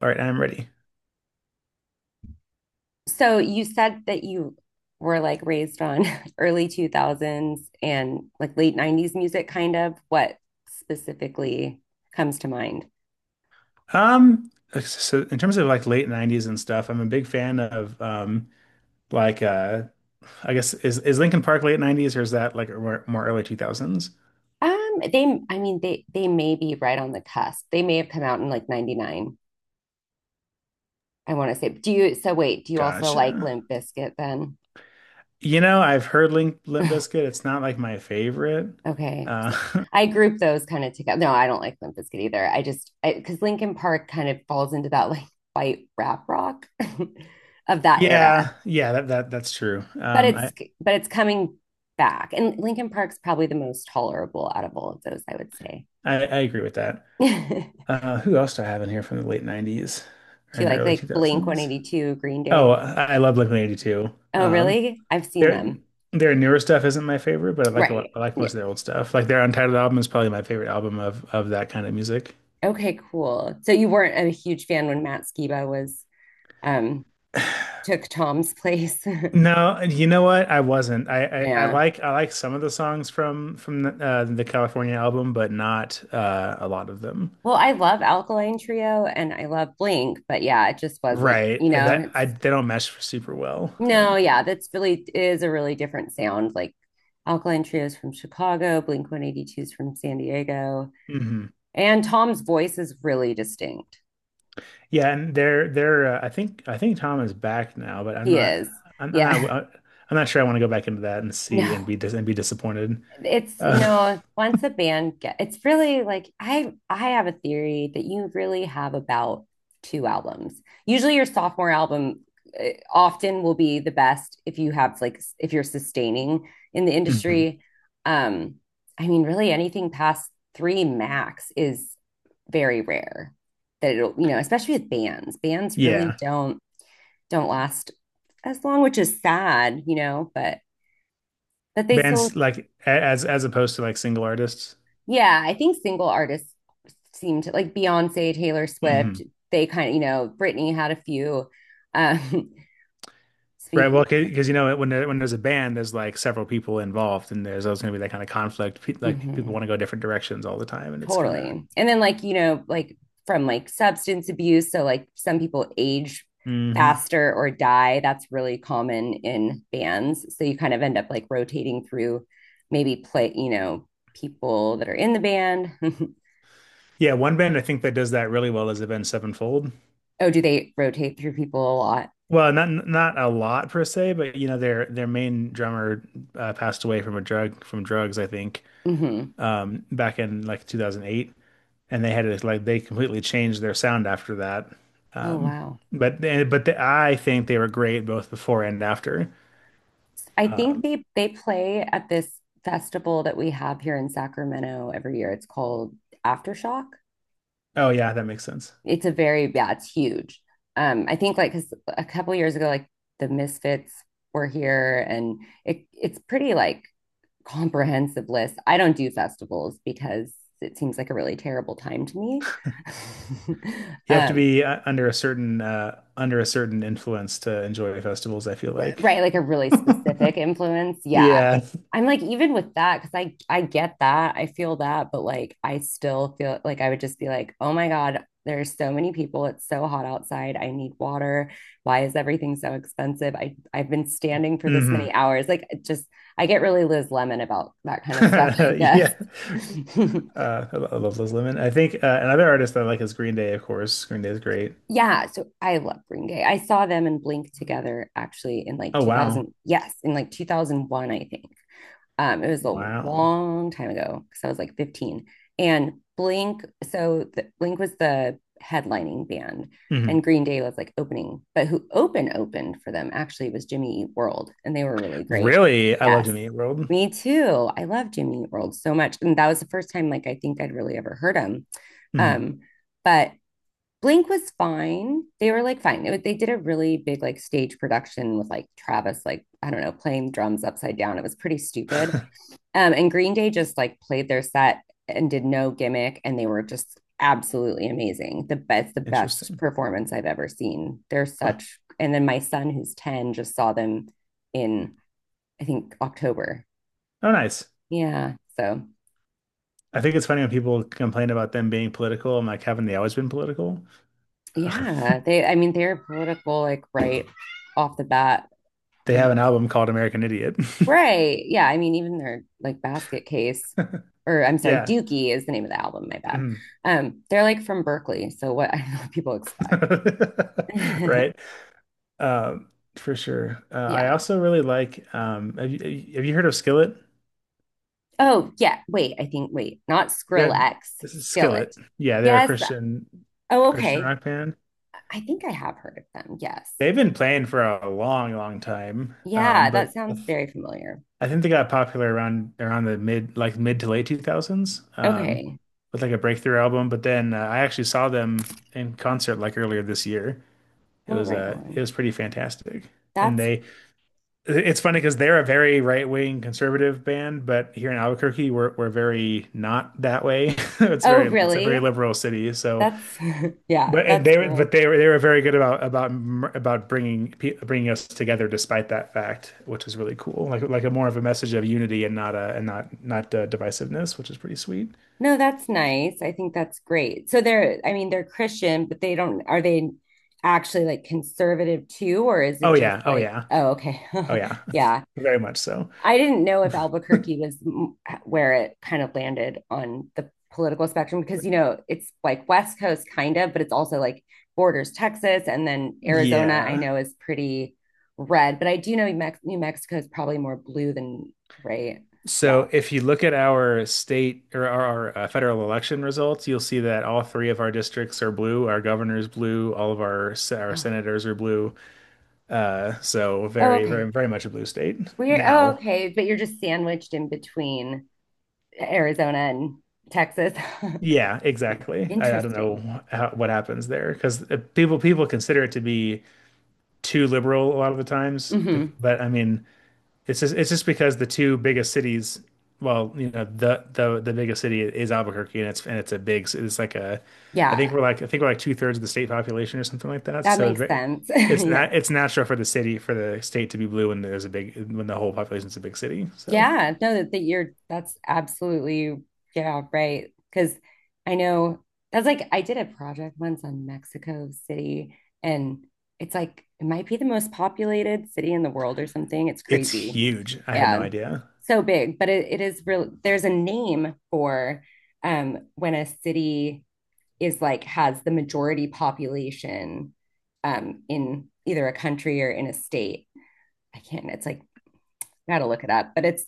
All right, I'm ready. So you said that you were like raised on early 2000s and like late 90s music kind of. What specifically comes to mind? Um, so in terms of like late 90s and stuff, I'm a big fan of like uh I guess is Linkin Park late 90s, or is that like more, more early 2000s? They I mean they may be right on the cusp. They may have come out in like 99. I want to say. Do you wait, do you also like Gotcha. Limp Bizkit then? You know, I've heard Link Limp Bizkit. It's not like my favorite. Okay. Uh So I group those kind of together. No, I don't like Limp Bizkit either. Because Linkin Park kind of falls into that like white rap rock of that era. yeah, yeah, that's true. but it's but it's coming back. And Lincoln Park's probably the most tolerable out of all of those, I would say. I agree with that. Do Uh, who else do I have in here from the late 90s you and like early Blink 2000s? 182, Green Oh, Day? I love Blink-182. Oh, really? I've seen Their them. Newer stuff isn't my favorite, but I like a lot, Right. I like Yeah. most of their old stuff. Like their Untitled album is probably my favorite album of that kind of music. Okay, cool. So you weren't a huge fan when Matt Skiba was um took Tom's place. No, you know what? I wasn't. Yeah. I like some of the songs from the California album, but not a lot of them. Well, I love Alkaline Trio and I love Blink, but yeah, it just wasn't, Right. I- That it's I They don't mesh super well, I no, don't yeah, think. that's really is a really different sound. Like Alkaline Trio's from Chicago, Blink 182's from San Diego, Hmm and Tom's voice is really distinct. Yeah, and they're I think Tom is back now, but He is. Yeah. I'm not sure I want to go back into that and see and No, be disappointed. Uh, once a band get, it's really like I have a theory that you really have about two albums. Usually your sophomore album often will be the best if you have like if you're sustaining in the hmm industry. Um, I mean, really anything past three max is very rare that it'll especially with bands. Bands really Yeah. Don't last as long, which is sad, you know, but they still. Bands like as opposed to like single artists. Yeah, I think single artists seem to like Beyonce, Taylor Swift, Hmm they kind of, you know, Britney had a few. Um, Right. Well, speaking, yeah, because you know when there's a band, there's like several people involved, and there's always going to be that kind of conflict. Pe like People hmm want to go different directions all the time, and it's kind of. totally. And then, like, you know, like from like substance abuse. So, like, some people age Hmm faster or die. That's really common in bands. So, you kind of end up like rotating through maybe play, you know, people that are in the band. Yeah, one band I think that does that really well is the band Sevenfold. Oh, do they rotate through people a lot? Well, not a lot per se, but you know their main drummer passed away from drugs, I think, hmm back in like 2008. And they had to like they completely changed their sound after that. Oh, Um, wow. but I think they were great both before and after. I think they play at this festival that we have here in Sacramento every year. It's called Aftershock. Oh yeah, that makes sense. It's a very, yeah, it's huge. I think like because a couple years ago, like the Misfits were here, and it's pretty like comprehensive list. I don't do festivals because it seems like a really terrible time to me. You have to Um, be under a certain influence to enjoy festivals, I feel like. right, like a really specific influence, yeah. Yeah. I'm like, even with that, because I get that, I feel that, but like I still feel like I would just be like, oh my god, there's so many people, it's so hot outside, I need water, why is everything so expensive, I've been standing for this many hmm hours, like it just, I get really Liz Lemon about that kind of stuff, I guess. Yeah. I love Liz Lemon. I think another artist that I like is Green Day, of course. Green Day is great. Yeah, so I love Green Day. I saw them and Blink together actually in like Oh 2000, wow. yes, in like 2001, I think. It was a Wow. long time ago because I was like 15. And Blink, Blink was the headlining band, hmm and Green Day was like opening. But who opened for them actually was Jimmy Eat World, and they were really great. Really? I love Yes, To Meet World. me too. I love Jimmy Eat World so much, and that was the first time like I think I'd really ever heard him. Hmm Um, but Blink was fine. They were like fine. It they did a really big like stage production with like Travis, like I don't know, playing drums upside down. It was pretty stupid. And Green Day just like played their set and did no gimmick, and they were just absolutely amazing. The best Interesting. performance I've ever seen. They're Huh. such. And then my son, who's ten, just saw them in, I think, October. Oh, nice. Yeah. So I think it's funny when people complain about them being political. I'm like, haven't they always been political? yeah, they, I mean, they're political, like right off the bat. They have Um, an album called American Idiot. right. Yeah. I mean, even their like basket case. Or I'm sorry, Yeah. Dookie is the name of the album. My bad. Mhm. They're like from Berkeley, so what, I know what people expect. Right. Um, for sure. I Yeah. also really like, have you heard of Skillet? Oh, yeah. Wait, I think, wait, not Yeah, Skrillex, this is Skillet. Skillet. Yeah, they're a Yes. Oh, Christian okay. rock band. I think I have heard of them. Yes. They've been playing for a long, long time. Yeah, But that sounds very familiar. I think they got popular around the mid, like mid to late 2000s, Okay. with like a breakthrough album. But then I actually saw them in concert like earlier this year. It Oh, was right it on. was pretty fantastic. And That's, they It's funny because they're a very right-wing conservative band, but here in Albuquerque we're very not that way. Oh, It's a very really? liberal city. So That's, yeah, but and that's they were, but cool. They were very good about about bringing bringing us together despite that fact, which is really cool. Like a more of a message of unity, and not a and not, divisiveness, which is pretty sweet. No, that's nice. I think that's great. So they're, I mean, they're Christian, but they don't, are they actually like conservative too? Or is it Oh just yeah, oh like, yeah, oh, okay. oh yeah, Yeah. very much so. I didn't know if Albuquerque was where it kind of landed on the political spectrum because, you know, it's like West Coast kind of, but it's also like borders Texas, and then Arizona, I Yeah. know, is pretty red, but I do know New Mexico is probably more blue than right. Yeah. So if you look at our state, or our federal election results, you'll see that all three of our districts are blue. Our governor's blue. All of our Oh, senators are blue. So oh, very, okay. very, very much a blue state We're, oh, now. okay, but you're just sandwiched in between Arizona and Texas. Yeah, Yeah. exactly. I don't Interesting. know how, what happens there, because people consider it to be too liberal a lot of the times. Bec- hmm But I mean, it's just because the two biggest cities, well, you know, the biggest city is Albuquerque, and it's a big, it's like a, Yeah, I think we're like two-thirds of the state population or something like that. that So it's makes very, sense. it's Yeah. not, it's natural for the city for the state to be blue when there's a big, when the whole population's a big city. So Yeah, no, that, that you're, that's absolutely, yeah, right. Because I know that's like I did a project once on Mexico City, and it's like it might be the most populated city in the world or something. It's it's crazy. huge. I had no Yeah. idea. So big, but it is real. There's a name for when a city is like has the majority population in either a country or in a state. I can't, it's like gotta look it up, but it's,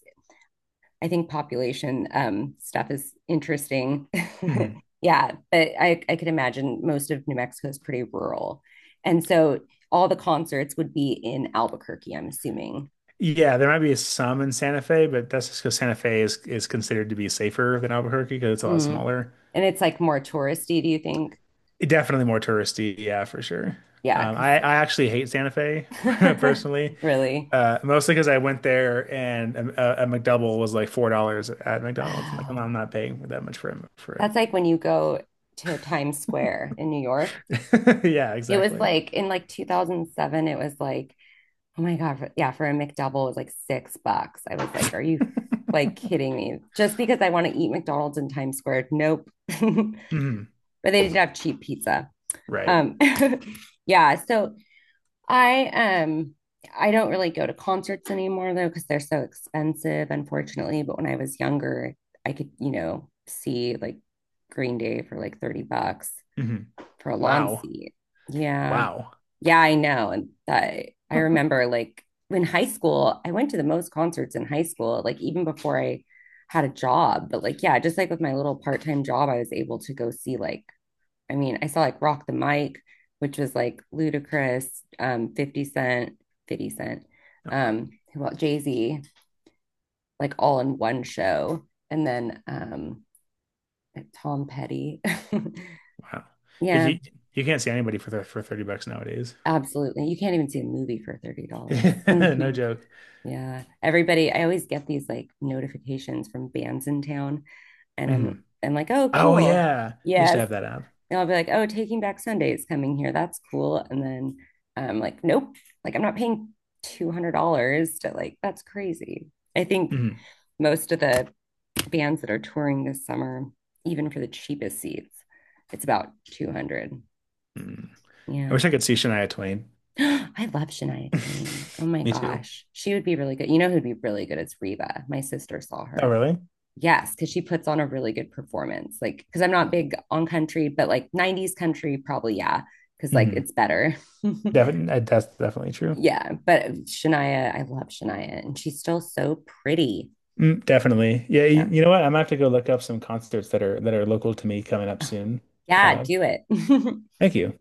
I think population stuff is interesting. Mm-hmm. Yeah, but I could imagine most of New Mexico is pretty rural. And so all the concerts would be in Albuquerque, I'm assuming. Yeah, there might be some in Santa Fe, but that's just because Santa Fe is considered to be safer than Albuquerque because it's a lot Mm. smaller. And it's like more touristy, do you think? Definitely more touristy, yeah, for sure. Yeah, because I actually hate Santa Fe. like, Personally, really. Mostly because I went there and a McDouble was like $4 at McDonald's. I'm like, I'm Oh, not paying that much for it. that's like when you go to Times Square in New York. Yeah, It was exactly. like in like 2007, it was like, oh my god. For, yeah, for a McDouble was like $6. I was like, are you like kidding me? Just because I want to eat McDonald's in Times Square. Nope. but hmm they did have cheap pizza. Right. Um, yeah. So I um I don't really go to concerts anymore though, because they're so expensive, unfortunately. But when I was younger, I could, you know, see like Green Day for like 30 bucks hmm for a lawn Wow. seat. Yeah. Wow. Yeah, I know. And I Oh, remember like in high school, I went to the most concerts in high school, like even before I had a job. But like, yeah, just like with my little part-time job, I was able to go see like, I mean, I saw like Rock the Mic, which was like Ludacris, 50 Cent, 50 Cent, who else? Jay-Z, like all in one show. And then Tom Petty. wow. Yeah, You you can't see anybody for 30 bucks nowadays. absolutely. You can't even see a movie for $30. No joke. Yeah. Everybody, I always get these like notifications from bands in town, and I'm Mhm. I'm like, "Oh, Oh cool. yeah, I used to Yes." have that app. And I'll be like, "Oh, Taking Back Sunday is coming here. That's cool." And then I'm like, "Nope. Like I'm not paying $200 to like that's crazy." I think Mhm. most of the bands that are touring this summer, even for the cheapest seats, it's about 200. Mhm. I Yeah. wish I could see Shania Twain. I love Shania Twain. Oh my Me too. gosh. She would be really good. You know who'd be really good? It's Reba. My sister saw Oh her. really? Yes, because she puts on a really good performance. Like, because I'm not big on country, but like 90s country, probably, yeah, because like Mm-hmm. it's better. Definitely, that's definitely true. Yeah. But Shania, I love Shania and she's still so pretty. Mm, definitely. Yeah, Yeah. you know what? I'm gonna have to go look up some concerts that are local to me coming up soon. Yeah. Uh, Do it. thank you.